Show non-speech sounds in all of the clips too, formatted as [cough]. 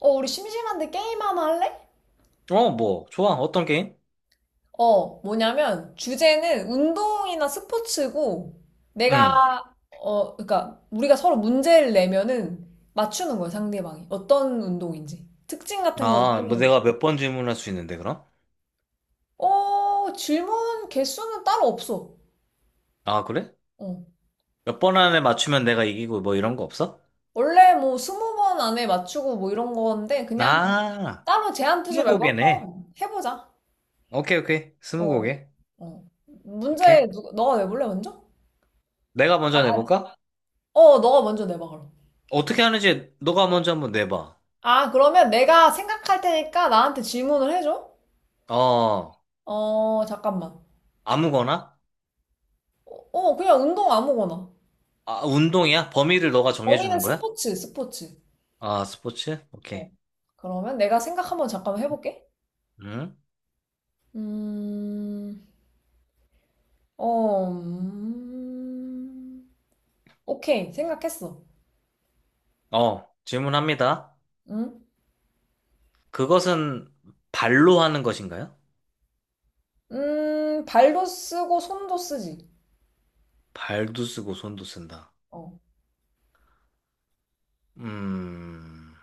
우리 심심한데 게임 하나 할래? 좋아. 어떤 게임? 뭐냐면, 주제는 운동이나 스포츠고, 응. 그러니까, 우리가 서로 문제를 내면은 맞추는 거야, 상대방이. 어떤 운동인지, 특징 같은 걸 아, 뭐 설명해 줘. 내가 몇 번 질문할 수 있는데, 그럼? 질문 개수는 따로 없어. 아, 그래? 어. 몇 번 안에 맞추면 내가 이기고 뭐 이런 거 없어? 원래 뭐, 20번 안에 맞추고 뭐 이런 건데, 그냥 아, 따로 제한 두지 말고 스무고개네. 한번 해보자. 오케이, 오케이. 어, 스무고개. 어. 오케이. 문제, 누가, 너가 내볼래, 먼저? 내가 아, 먼저 아. 내볼까? 너가 먼저 내봐, 그럼. 어떻게 하는지 너가 먼저 한번 내봐. 아, 그러면 내가 생각할 테니까 나한테 질문을 해줘? 어, 잠깐만. 아무거나? 그냥 운동 아무거나. 아, 운동이야? 범위를 너가 범위는 정해주는 거야? 스포츠, 스포츠. 아, 스포츠? 오케이. 어. 그러면 내가 생각 한번 잠깐 해볼게. 응? 음, 어, 음, 오케이. 생각했어. 질문합니다. 응? 그것은 발로 하는 것인가요? 발도 쓰고 손도 쓰지. 발도 쓰고 손도 쓴다. 어, 음,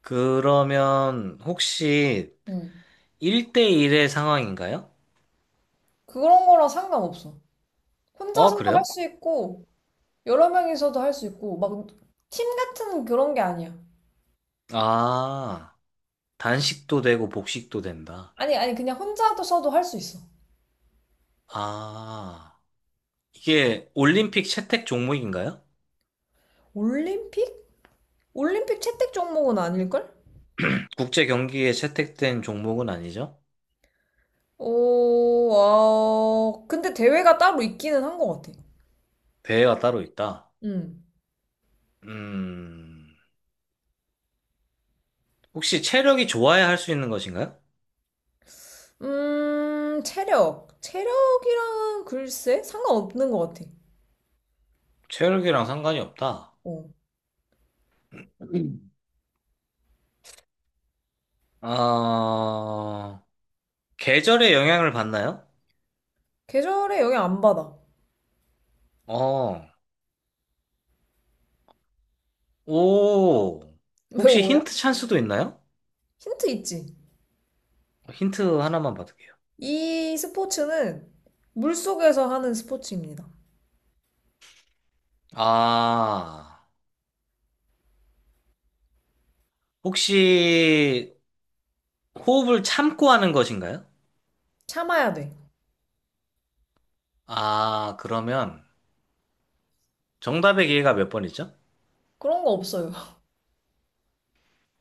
그러면 혹시 응. 1대1의 상황인가요? 그런 거랑 상관없어. 어, 혼자서도 할 그래요? 수 있고, 여러 명이서도 할 수 있고, 막, 팀 같은 그런 게 아니야. 아, 단식도 되고 복식도 된다. 아니, 아니, 그냥 혼자도 써도 할 수 있어. 아, 이게 올림픽 채택 종목인가요? 올림픽? 올림픽 채택 종목은 아닐걸? 국제 경기에 채택된 종목은 아니죠? 오, 아, 근데 대회가 따로 있기는 한 것 같아. 대회가 따로 있다. 음, 음, 혹시 체력이 좋아야 할 수 있는 것인가요? 체력. 체력이랑 글쎄, 상관없는 것 같아. 체력이랑 상관이 없다. 어. 음. 아, 계절에 영향을 받나요? 계절에 영향 안 받아. 어, 오, [laughs] 왜 혹시 오야? 힌트 찬스도 있나요? 힌트 있지? 힌트 하나만 받을게요. 이 스포츠는 물속에서 하는 스포츠입니다. 아, 혹시 호흡을 참고 하는 것인가요? 참아야 돼. 아, 그러면 정답의 기회가 몇 번이죠? 그런 거 없어요. [laughs]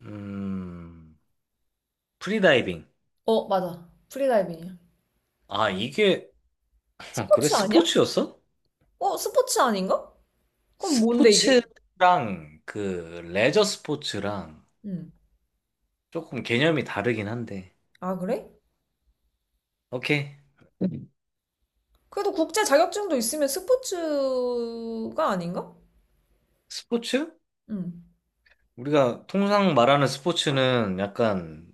음, 프리다이빙. 어, 맞아. 프리다이빙이야. 아, 이게, [laughs] 그래, 스포츠 아니야? 스포츠였어? 스포츠 아닌가? 그럼 뭔데 이게? 스포츠랑 그 레저 스포츠랑 음. 조금 개념이 다르긴 한데. 아, 그래? 오케이. 그래도 국제 자격증도 있으면 스포츠가 아닌가? 스포츠? 음. 우리가 통상 말하는 스포츠는 약간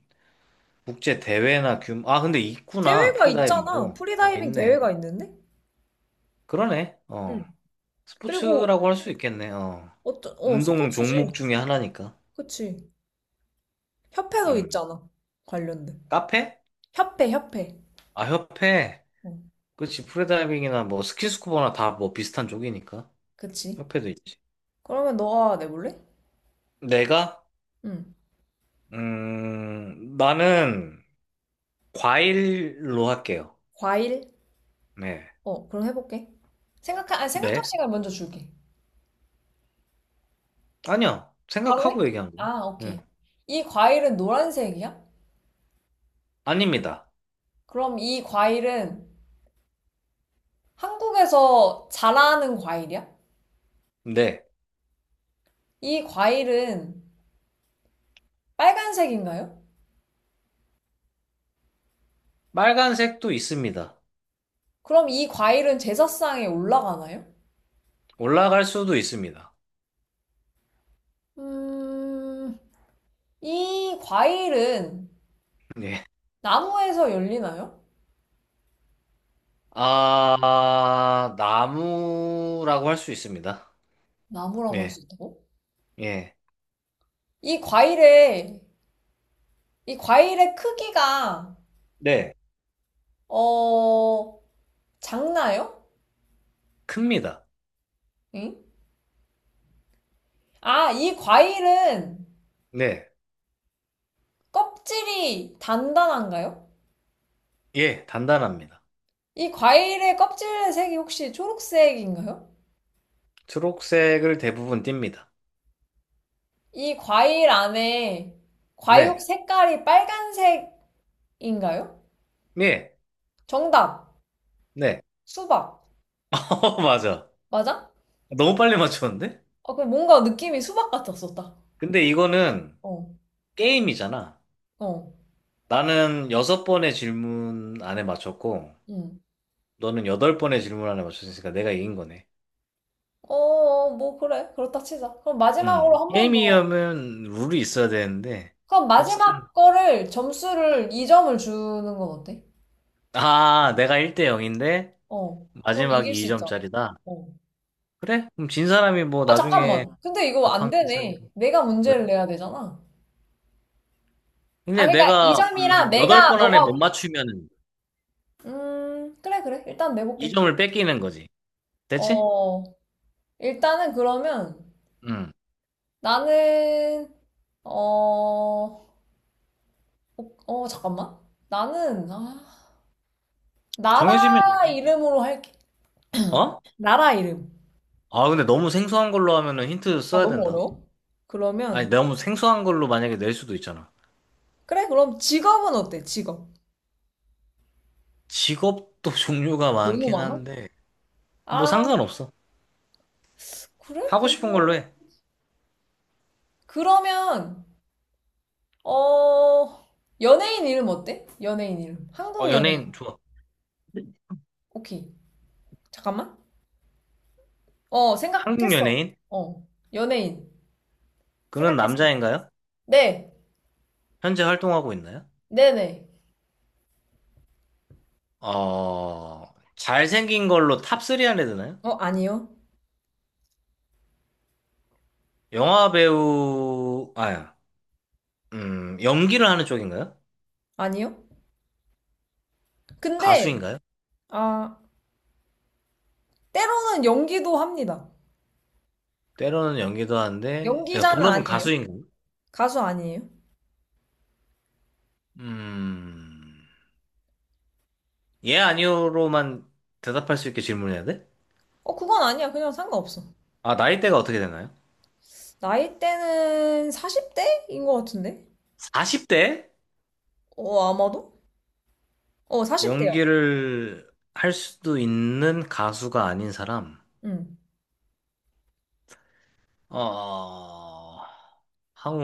국제 대회나 규모, 아, 근데 있구나. 대회가 있잖아. 프리다이빙도. 어, 프리다이빙 있네. 대회가 있는데? 그러네. 어. 음. 그리고 스포츠라고 할 수 있겠네. 어. 어떤 운동 종목 스포츠지. 중에 하나니까. 그치. 협회도 음. 있잖아. 관련된. 카페? 협회, 협회. 아, 협회. 어, 그치. 프리다이빙이나 뭐 스키스쿠버나 다 뭐 비슷한 쪽이니까. 그치. 협회도 있지. 그러면 너가 내볼래? 내가? 음. 나는 과일로 할게요. 과일? 네. 그럼 해볼게. 생각할 네? 시간 먼저 줄게. 아니요. 바로 해? 생각하고 얘기한 거예요. 아, 오케이. 네. 이 과일은 노란색이야? 아닙니다. 그럼 이 과일은 한국에서 자라는 과일이야? 네. 이 과일은 빨간색인가요? 빨간색도 있습니다. 그럼 이 과일은 제사상에 올라가나요? 올라갈 수도 있습니다. 음, 이 과일은 네. 나무에서 열리나요? 아, 나무라고 할 수 있습니다. 나무라고 할 네. 수 있다고? 예. 이 과일의, 이 과일의 크기가, 네. 어, 작나요? 큽니다. 응? 아, 이 과일은 네. 껍질이 단단한가요? 예. 단단합니다. 이 과일의 껍질의 색이 혹시 초록색인가요? 초록색을 대부분 띱니다. 이 과일 안에 과육 네. 색깔이 빨간색인가요? 네. 정답. 네. 수박. [laughs] 어, 맞아. 맞아? 너무 빨리 맞췄는데? 아, 그 뭔가 느낌이 수박 같았었다. 근데 이거는 어, 게임이잖아. 어, 나는 여섯 번의 질문 안에 맞췄고, 음. 너는 여덟 번의 질문 안에 맞췄으니까 내가 이긴 거네. 어, 어, 뭐, 그래. 그렇다 치자. 그럼 마지막으로 음. 한 번 더. 게임이면 룰이 있어야 되는데, 그럼 어쨌든 마지막 거를 점수를 2점을 주는 건 어때? 아, 내가 1대 0인데 어. 그럼 이길 마지막이 수 있잖아. 2점짜리다. 어. 그래? 그럼 진 사람이 뭐 아, 나중에 잠깐만. 근데 이거 밥 안 한 끼 되네. 사기로. 내가 왜? 문제를 내야 되잖아. 아, 근데 그러니까 내가 2점이라 내가, 8번 안에 못 너가, 맞추면 그래, 그래. 일단 내볼게. 2점을 뺏기는 거지. 됐지? 어, 일단은 그러면 응. 나는, 어, 잠깐만. 나는, 아, 정해지면 나라 얘기해. 이름으로 할게. 어? 나라 이름. 아, 근데 너무 생소한 걸로 하면은 힌트 아, 써야 너무 된다. 어려워? 아니, 그러면, 너무 생소한 걸로 만약에 낼 수도 있잖아. 그래, 그럼 직업은 어때? 직업. 직업도 [laughs] 종류가 너무 많긴 많아? 한데 뭐 아, 상관없어. 그래? 하고 싶은 그러면, 걸로 해. 그러면, 어, 연예인 이름 어때? 연예인 이름. 어, 한국 연예인. 연예인 좋아. 오케이. 잠깐만. 한국 생각했어. 연예인? 어, 연예인. 그는 생각했어. 남자인가요? 네, 현재 활동하고 있나요? 네네. 어, 잘생긴 걸로 탑 3 안에 드나요? 아니요. 영화 배우, 아, 연기를 하는 쪽인가요? 아니요. 근데, 가수인가요? 아, 때로는 연기도 합니다. 때로는 연기도 하는데, 예, 연기자는 본업은 아니에요. 가수인가요? 가수 아니에요. 음, 예, 아니요로만 대답할 수 있게 질문해야 돼? 그건 아니야. 그냥 상관없어. 아, 나이대가 어떻게 되나요? 나이대는 40대인 것 같은데? 40대? 아마도? 40대야. 연기를 할 수도 있는 가수가 아닌 사람? 응. 어,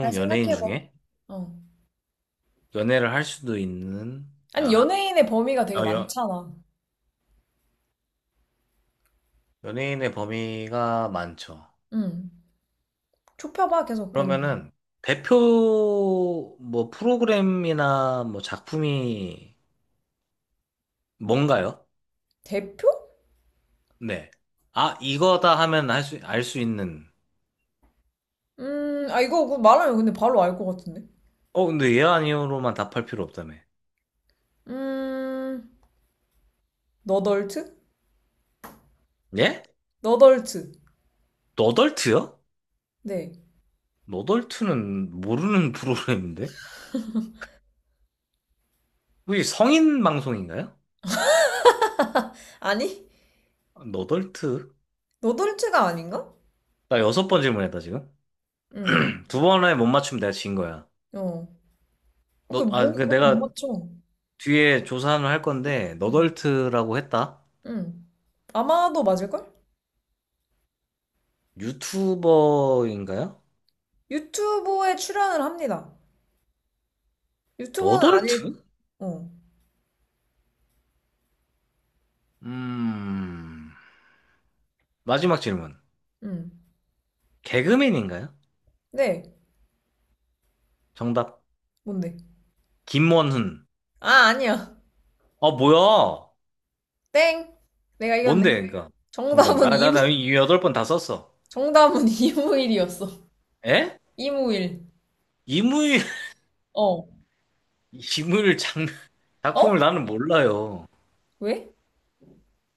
잘 연예인 생각해봐. 중에? 어. 연애를 할 수도 있는, 아니, 야. 연예인의 범위가 되게 어, 많잖아. 연예인의 범위가 많죠. 응. 좁혀봐, 계속 범위. 그러면은 대표 뭐 프로그램이나 뭐 작품이 뭔가요? 대표? 네. 아, 이거다 하면 할 수, 알 수 있는. 아, 이거 그 말하면 근데 바로 알 것 같은데? 어, 근데 예 아니요로만 답할 필요 없다며. 음, 너덜트? 예? 너덜트. 너덜트요? 네. 너덜트는 모르는 [laughs] 프로그램인데? 혹시 성인 방송인가요? 아니? 아, 너덜트? 너 돌체가 아닌가? 나 여섯 번 질문했다, 지금. 응. 두 번에 못 맞추면 내가 진 거야. 어. 너, 아, 그못 그 그렇게 못 내가 맞춰. 뒤에 조사를 할 건데, 응. 너덜트라고 했다. 응. 아마도 맞을걸? 유튜버인가요? 유튜브에 출연을 합니다. 유튜버는 아닐. 너덜트? 어. 음, 마지막 질문. 응. 개그맨인가요? 네. 정답. 뭔데? 김원훈. 아, 아니야. 아, 뭐야? 땡. 내가 이겼네. 뭔데, 그니까. 정답이. 정답은 아, 이무 나이 여덟 번 다 썼어. 정답은 [laughs] 이무일이었어. 에? 이무일. 이무일, 어. [laughs] 이무일 장, 작품을 어? 나는 몰라요. 왜?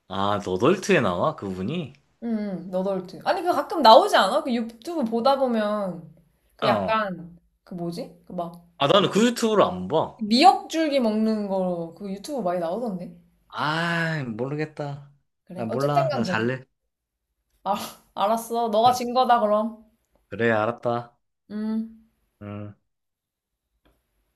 아, 너덜트에 나와? 그분이? 응, 응. 너덜트. 아니 그 가끔 나오지 않아? 그 유튜브 보다 보면 그 어. 약간 그 뭐지? 그막 아, 나는 그 유튜브를 안 봐. 미역줄기 먹는 거, 그 유튜브 많이 나오던데? 아, 모르겠다. 그래. 나 어쨌든 몰라. 나 간 그래. 잘래. 아, [laughs] 알았어. 너가 응. 진 거다, 그럼. 그래, 알았다. 음. 음.